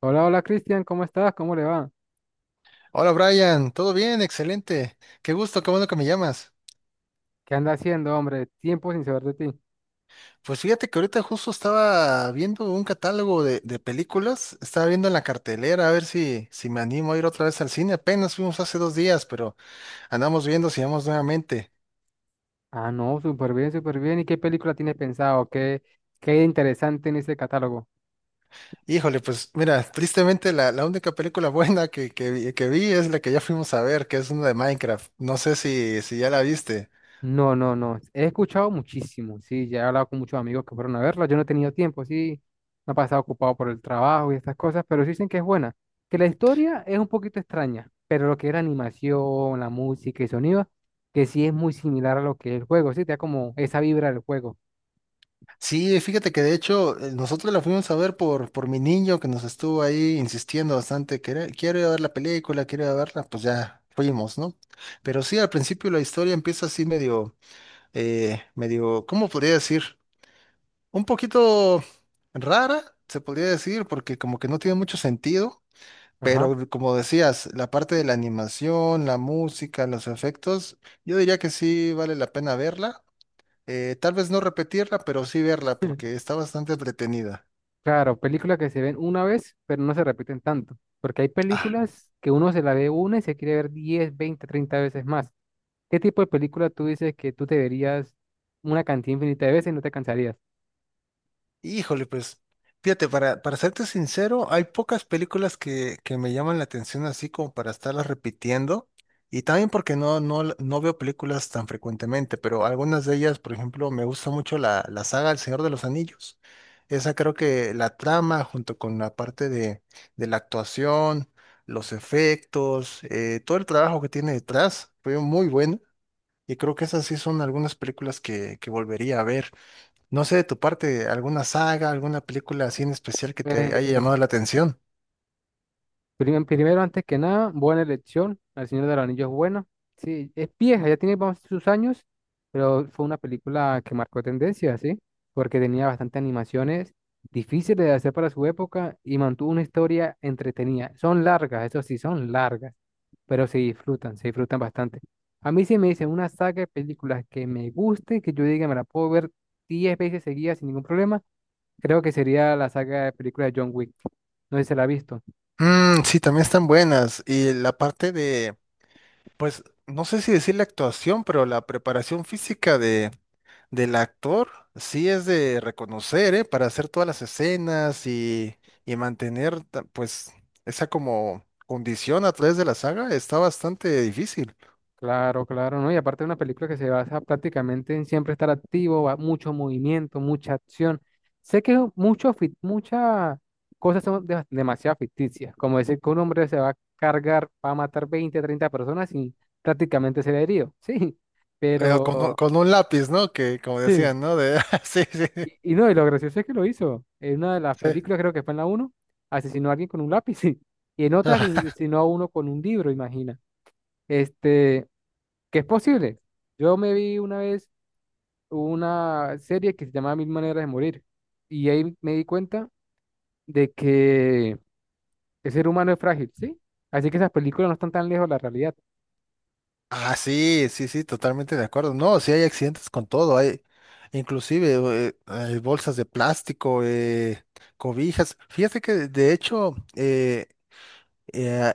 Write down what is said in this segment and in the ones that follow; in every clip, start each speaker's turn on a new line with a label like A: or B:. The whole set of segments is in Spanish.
A: Hola, hola Cristian, ¿cómo estás? ¿Cómo le va?
B: Hola Brian, ¿todo bien? Excelente. Qué gusto, qué bueno que me llamas.
A: ¿Qué anda haciendo, hombre? Tiempo sin saber de ti.
B: Pues fíjate que ahorita justo estaba viendo un catálogo de películas, estaba viendo en la cartelera a ver si me animo a ir otra vez al cine. Apenas fuimos hace dos días, pero andamos viendo si vamos nuevamente.
A: Ah, no, súper bien, súper bien. ¿Y qué película tienes pensado? ¿Qué interesante en ese catálogo?
B: Híjole, pues mira, tristemente la única película buena que vi es la que ya fuimos a ver, que es una de Minecraft. No sé si ya la viste.
A: No, no, no. He escuchado muchísimo, sí. Ya he hablado con muchos amigos que fueron a verla. Yo no he tenido tiempo, sí. Me he pasado ocupado por el trabajo y estas cosas, pero sí dicen que es buena. Que la historia es un poquito extraña, pero lo que era animación, la música y sonido, que sí es muy similar a lo que es el juego, sí. Te da como esa vibra del juego.
B: Sí, fíjate que de hecho nosotros la fuimos a ver por mi niño que nos estuvo ahí insistiendo bastante, que quiero ir a ver la película, quiero ir a verla, pues ya fuimos, ¿no? Pero sí, al principio la historia empieza así medio, ¿cómo podría decir? Un poquito rara, se podría decir, porque como que no tiene mucho sentido,
A: Ajá.
B: pero como decías, la parte de la animación, la música, los efectos, yo diría que sí vale la pena verla. Tal vez no repetirla, pero sí verla porque está bastante entretenida.
A: Claro, películas que se ven una vez, pero no se repiten tanto. Porque hay
B: Ah,
A: películas que uno se la ve una y se quiere ver 10, 20, 30 veces más. ¿Qué tipo de película tú dices que tú te verías una cantidad infinita de veces y no te cansarías?
B: híjole, pues, fíjate, para serte sincero, hay pocas películas que me llaman la atención así como para estarlas repitiendo. Y también porque no veo películas tan frecuentemente, pero algunas de ellas, por ejemplo, me gusta mucho la saga El Señor de los Anillos. Esa creo que la trama, junto con la parte de la actuación, los efectos, todo el trabajo que tiene detrás, fue muy bueno. Y creo que esas sí son algunas películas que volvería a ver. No sé de tu parte, alguna saga, alguna película así en especial que te haya llamado
A: Pues,
B: la atención.
A: Primero, antes que nada, buena elección. El Señor del Anillo es buena. Sí, es vieja, ya tiene vamos, sus años, pero fue una película que marcó tendencia, ¿sí? Porque tenía bastantes animaciones difíciles de hacer para su época y mantuvo una historia entretenida. Son largas, eso sí, son largas, pero se disfrutan bastante. A mí sí me dicen una saga de películas que me guste, que yo diga me la puedo ver 10 veces seguidas sin ningún problema, creo que sería la saga de películas de John Wick. No sé si se la ha visto.
B: Mm, sí, también están buenas. Y la parte de, pues, no sé si decir la actuación, pero la preparación física de, del actor sí es de reconocer, ¿eh? Para hacer todas las escenas y mantener, pues, esa como condición a través de la saga está bastante difícil.
A: Claro, claro, ¿no? Y aparte de una película que se basa prácticamente en siempre estar activo, mucho movimiento, mucha acción. Sé que mucho, muchas cosas son demasiado ficticias, como decir que un hombre se va a cargar, va a matar 20, 30 personas y prácticamente se herido, sí,
B: eh, con, un
A: pero
B: con un lápiz, ¿no? Que como
A: sí.
B: decían, ¿no? De, sí, sí,
A: Y no, y lo gracioso es que lo hizo. En una de las
B: sí.
A: películas, creo que fue en la uno asesinó a alguien con un lápiz. Y en otra asesinó a uno con un libro, imagina. Este, que es posible. Yo me vi una vez una serie que se llamaba Mil Maneras de Morir. Y ahí me di cuenta de que el ser humano es frágil, ¿sí? Así que esas películas no están tan lejos de la realidad.
B: Ah, sí, totalmente de acuerdo. No, sí hay accidentes con todo, hay inclusive hay bolsas de plástico, cobijas. Fíjate que de hecho, Eh,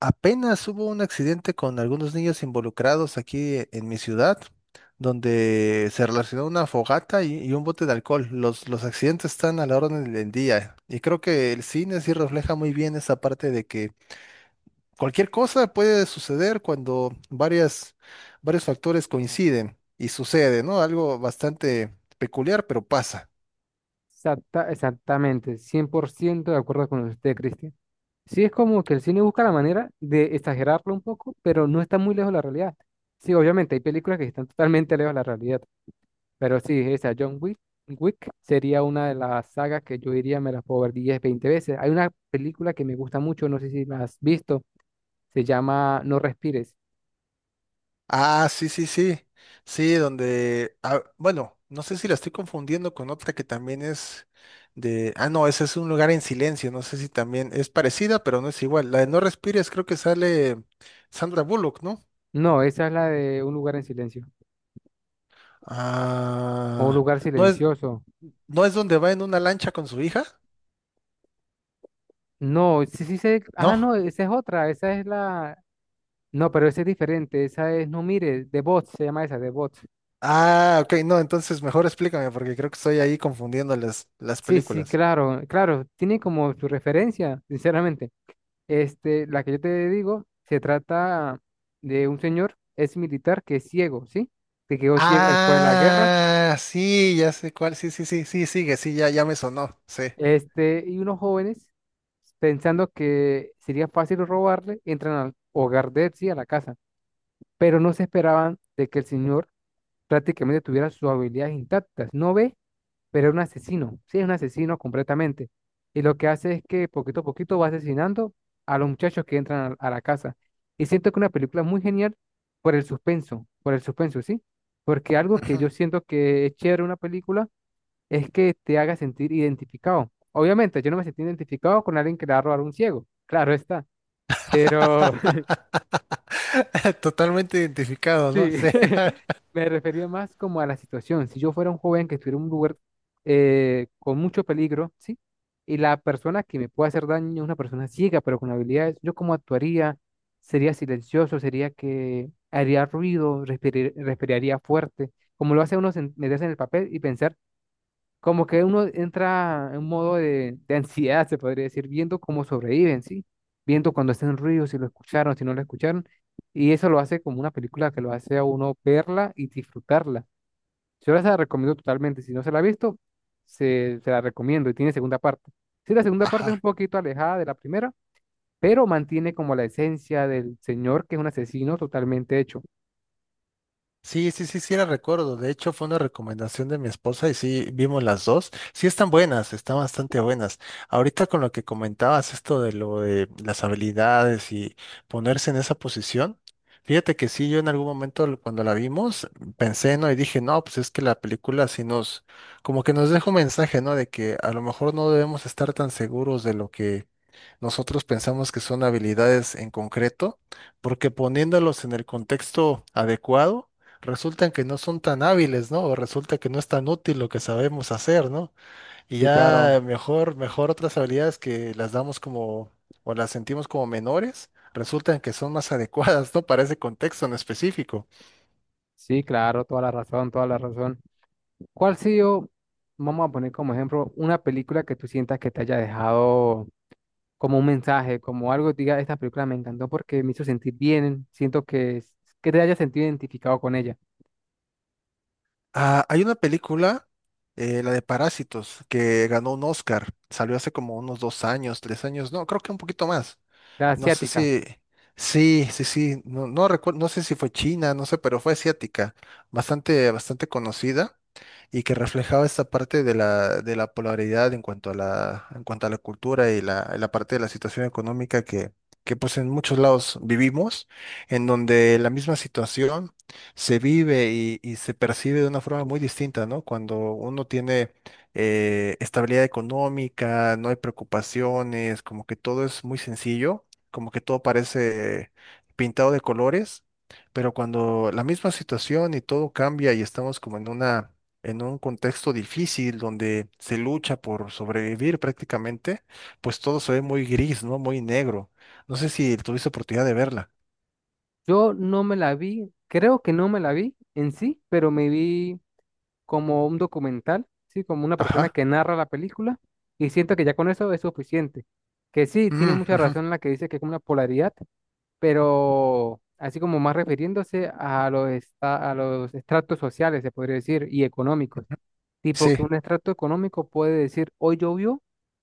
B: apenas hubo un accidente con algunos niños involucrados aquí en mi ciudad, donde se relacionó una fogata y un bote de alcohol. Los accidentes están a la orden del día y creo que el cine sí refleja muy bien esa parte de que cualquier cosa puede suceder cuando varios factores coinciden y sucede, ¿no? Algo bastante peculiar, pero pasa.
A: Exactamente, 100% de acuerdo con usted, Cristian. Sí, es como que el cine busca la manera de exagerarlo un poco, pero no está muy lejos de la realidad. Sí, obviamente, hay películas que están totalmente lejos de la realidad, pero sí, esa John Wick, Wick sería una de las sagas que yo diría me las puedo ver 10, 20 veces. Hay una película que me gusta mucho, no sé si la has visto. Se llama No respires.
B: Ah, sí, sí, sí. Sí, donde. Ah, bueno, no sé si la estoy confundiendo con otra que también es de. Ah, no, ese es un lugar en silencio. No sé si también es parecida, pero no es igual. La de No Respires, creo que sale Sandra Bullock, ¿no?
A: No, esa es la de Un lugar en silencio. O Un
B: Ah.
A: lugar
B: No es,
A: silencioso.
B: no es donde va en una lancha con su hija,
A: No, sí, sí sé. Ah,
B: ¿no?
A: no, esa es otra. Esa es la. No, pero esa es diferente. Esa es No mires, de Bots, se llama esa, de Bots.
B: Ah, ok, no, entonces mejor explícame, porque creo que estoy ahí confundiendo las
A: Sí, sí,
B: películas.
A: claro, claro. Tiene como su referencia, sinceramente. Este, la que yo te digo, se trata de un señor, es militar que es ciego, ¿sí? Que quedó ciego después de la guerra.
B: Ah, sí, ya sé cuál. Sí, sí, sí, sí, sigue, sí, ya, ya me sonó. Sí.
A: Este, y unos jóvenes, pensando que sería fácil robarle, entran al hogar de él, sí, a la casa, pero no se esperaban de que el señor prácticamente tuviera sus habilidades intactas. No ve, pero es un asesino, sí, es un asesino completamente. Y lo que hace es que poquito a poquito va asesinando a los muchachos que entran a la casa. Y siento que una película muy genial por el suspenso, ¿sí? Porque algo que
B: Ujú.
A: yo siento que es chévere en una película es que te haga sentir identificado. Obviamente, yo no me sentí identificado con alguien que le va a robar a un ciego, claro está, pero
B: Totalmente identificado, ¿no?
A: sí,
B: Sí.
A: me refería más como a la situación. Si yo fuera un joven que estuviera en un lugar con mucho peligro, ¿sí? Y la persona que me puede hacer daño es una persona ciega, pero con habilidades, ¿yo cómo actuaría? ¿Sería silencioso? ¿Sería que haría ruido? ¿Respiraría fuerte? Como lo hace uno meterse en el papel y pensar. Como que uno entra en un modo de ansiedad, se podría decir, viendo cómo sobreviven, ¿sí? Viendo cuando hacen ruido, si lo escucharon, si no lo escucharon. Y eso lo hace como una película que lo hace a uno verla y disfrutarla. Yo se la recomiendo totalmente. Si no se la ha visto, se la recomiendo y tiene segunda parte. Sí, la segunda parte es un
B: Ajá.
A: poquito alejada de la primera, pero mantiene como la esencia del señor que es un asesino totalmente hecho.
B: Sí, sí, sí, sí, la recuerdo. De hecho, fue una recomendación de mi esposa y sí, vimos las dos. Sí, están buenas, están bastante buenas. Ahorita con lo que comentabas, esto de lo de las habilidades y ponerse en esa posición, fíjate que sí, yo en algún momento cuando la vimos, pensé, ¿no? Y dije, no, pues es que la película sí nos, como que nos deja un mensaje, ¿no? De que a lo mejor no debemos estar tan seguros de lo que nosotros pensamos que son habilidades en concreto, porque poniéndolos en el contexto adecuado, resultan que no son tan hábiles, ¿no? O resulta que no es tan útil lo que sabemos hacer, ¿no? Y
A: Sí, claro,
B: ya mejor otras habilidades que las damos como, o las sentimos como menores, resultan que son más adecuadas, ¿no? Para ese contexto en específico.
A: sí, claro, toda la razón, toda la razón. ¿Cuál ha sido, vamos a poner como ejemplo, una película que tú sientas que te haya dejado como un mensaje, como algo, diga, esta película me encantó porque me hizo sentir bien, siento que, que te hayas sentido identificado con ella,
B: Ah, hay una película, la de Parásitos, que ganó un Oscar, salió hace como unos dos años, tres años, no, creo que un poquito más.
A: la
B: No sé
A: asiática.
B: si, sí, sí, sí, no, no recuerdo, no sé si fue China, no sé, pero fue asiática, bastante conocida y que reflejaba esta parte de la polaridad en cuanto a la cultura y la parte de la situación económica que pues en muchos lados vivimos, en donde la misma situación se vive y se percibe de una forma muy distinta, ¿no? Cuando uno tiene estabilidad económica, no hay preocupaciones, como que todo es muy sencillo, como que todo parece pintado de colores, pero cuando la misma situación y todo cambia y estamos como en un contexto difícil donde se lucha por sobrevivir prácticamente, pues todo se ve muy gris, ¿no? Muy negro. No sé si tuviste oportunidad de verla.
A: Yo no me la vi, creo que no me la vi en sí, pero me vi como un documental, ¿sí? Como una persona
B: Ajá.
A: que narra la película y siento que ya con eso es suficiente. Que sí, tiene
B: Mm,
A: mucha
B: ujú.
A: razón la que dice que es como una polaridad, pero así como más refiriéndose a los, a los estratos sociales, se podría decir, y económicos. Tipo
B: Sí,
A: que un extracto económico puede decir, hoy llovió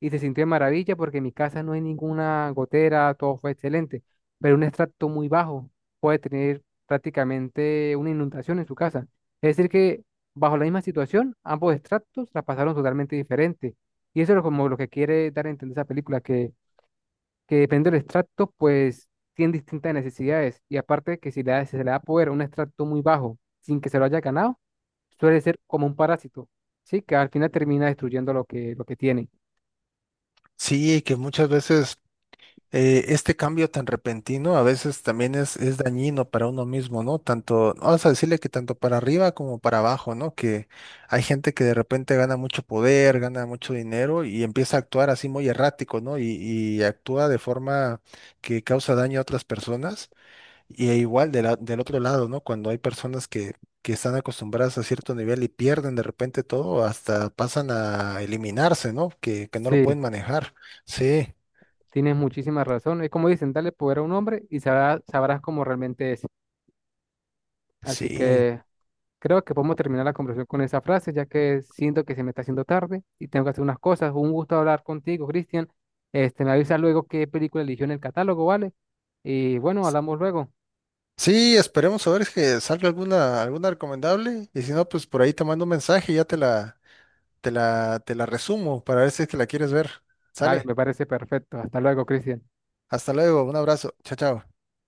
A: y se sintió de maravilla porque en mi casa no hay ninguna gotera, todo fue excelente. Pero un extracto muy bajo puede tener prácticamente una inundación en su casa. Es decir, que bajo la misma situación, ambos extractos la pasaron totalmente diferente. Y eso es como lo que quiere dar a entender esa película, que depende del extracto, pues tienen distintas necesidades. Y aparte que si si se le da poder a un extracto muy bajo sin que se lo haya ganado, suele ser como un parásito, ¿sí? Que al final termina destruyendo lo que tiene.
B: sí, que muchas veces este cambio tan repentino a veces también es dañino para uno mismo, ¿no? Tanto, vamos a decirle que tanto para arriba como para abajo, ¿no? Que hay gente que de repente gana mucho poder, gana mucho dinero y empieza a actuar así muy errático, ¿no? Y actúa de forma que causa daño a otras personas. Y e igual de del otro lado, ¿no? Cuando hay personas que están acostumbradas a cierto nivel y pierden de repente todo, hasta pasan a eliminarse, ¿no? Que no lo
A: Sí,
B: pueden manejar. Sí,
A: tienes muchísima razón. Es como dicen, dale poder a un hombre y sabrás cómo realmente es. Así
B: sí.
A: que creo que podemos terminar la conversación con esa frase, ya que siento que se me está haciendo tarde y tengo que hacer unas cosas. Un gusto hablar contigo, Cristian. Este, me avisas luego qué película eligió en el catálogo, ¿vale? Y bueno, hablamos luego.
B: Sí, esperemos a ver si que salga alguna, alguna recomendable. Y si no, pues por ahí te mando un mensaje y ya te la resumo para ver si es que la quieres ver.
A: Dale,
B: Sale.
A: me parece perfecto. Hasta luego, Cristian.
B: Hasta luego. Un abrazo. Chao, chao.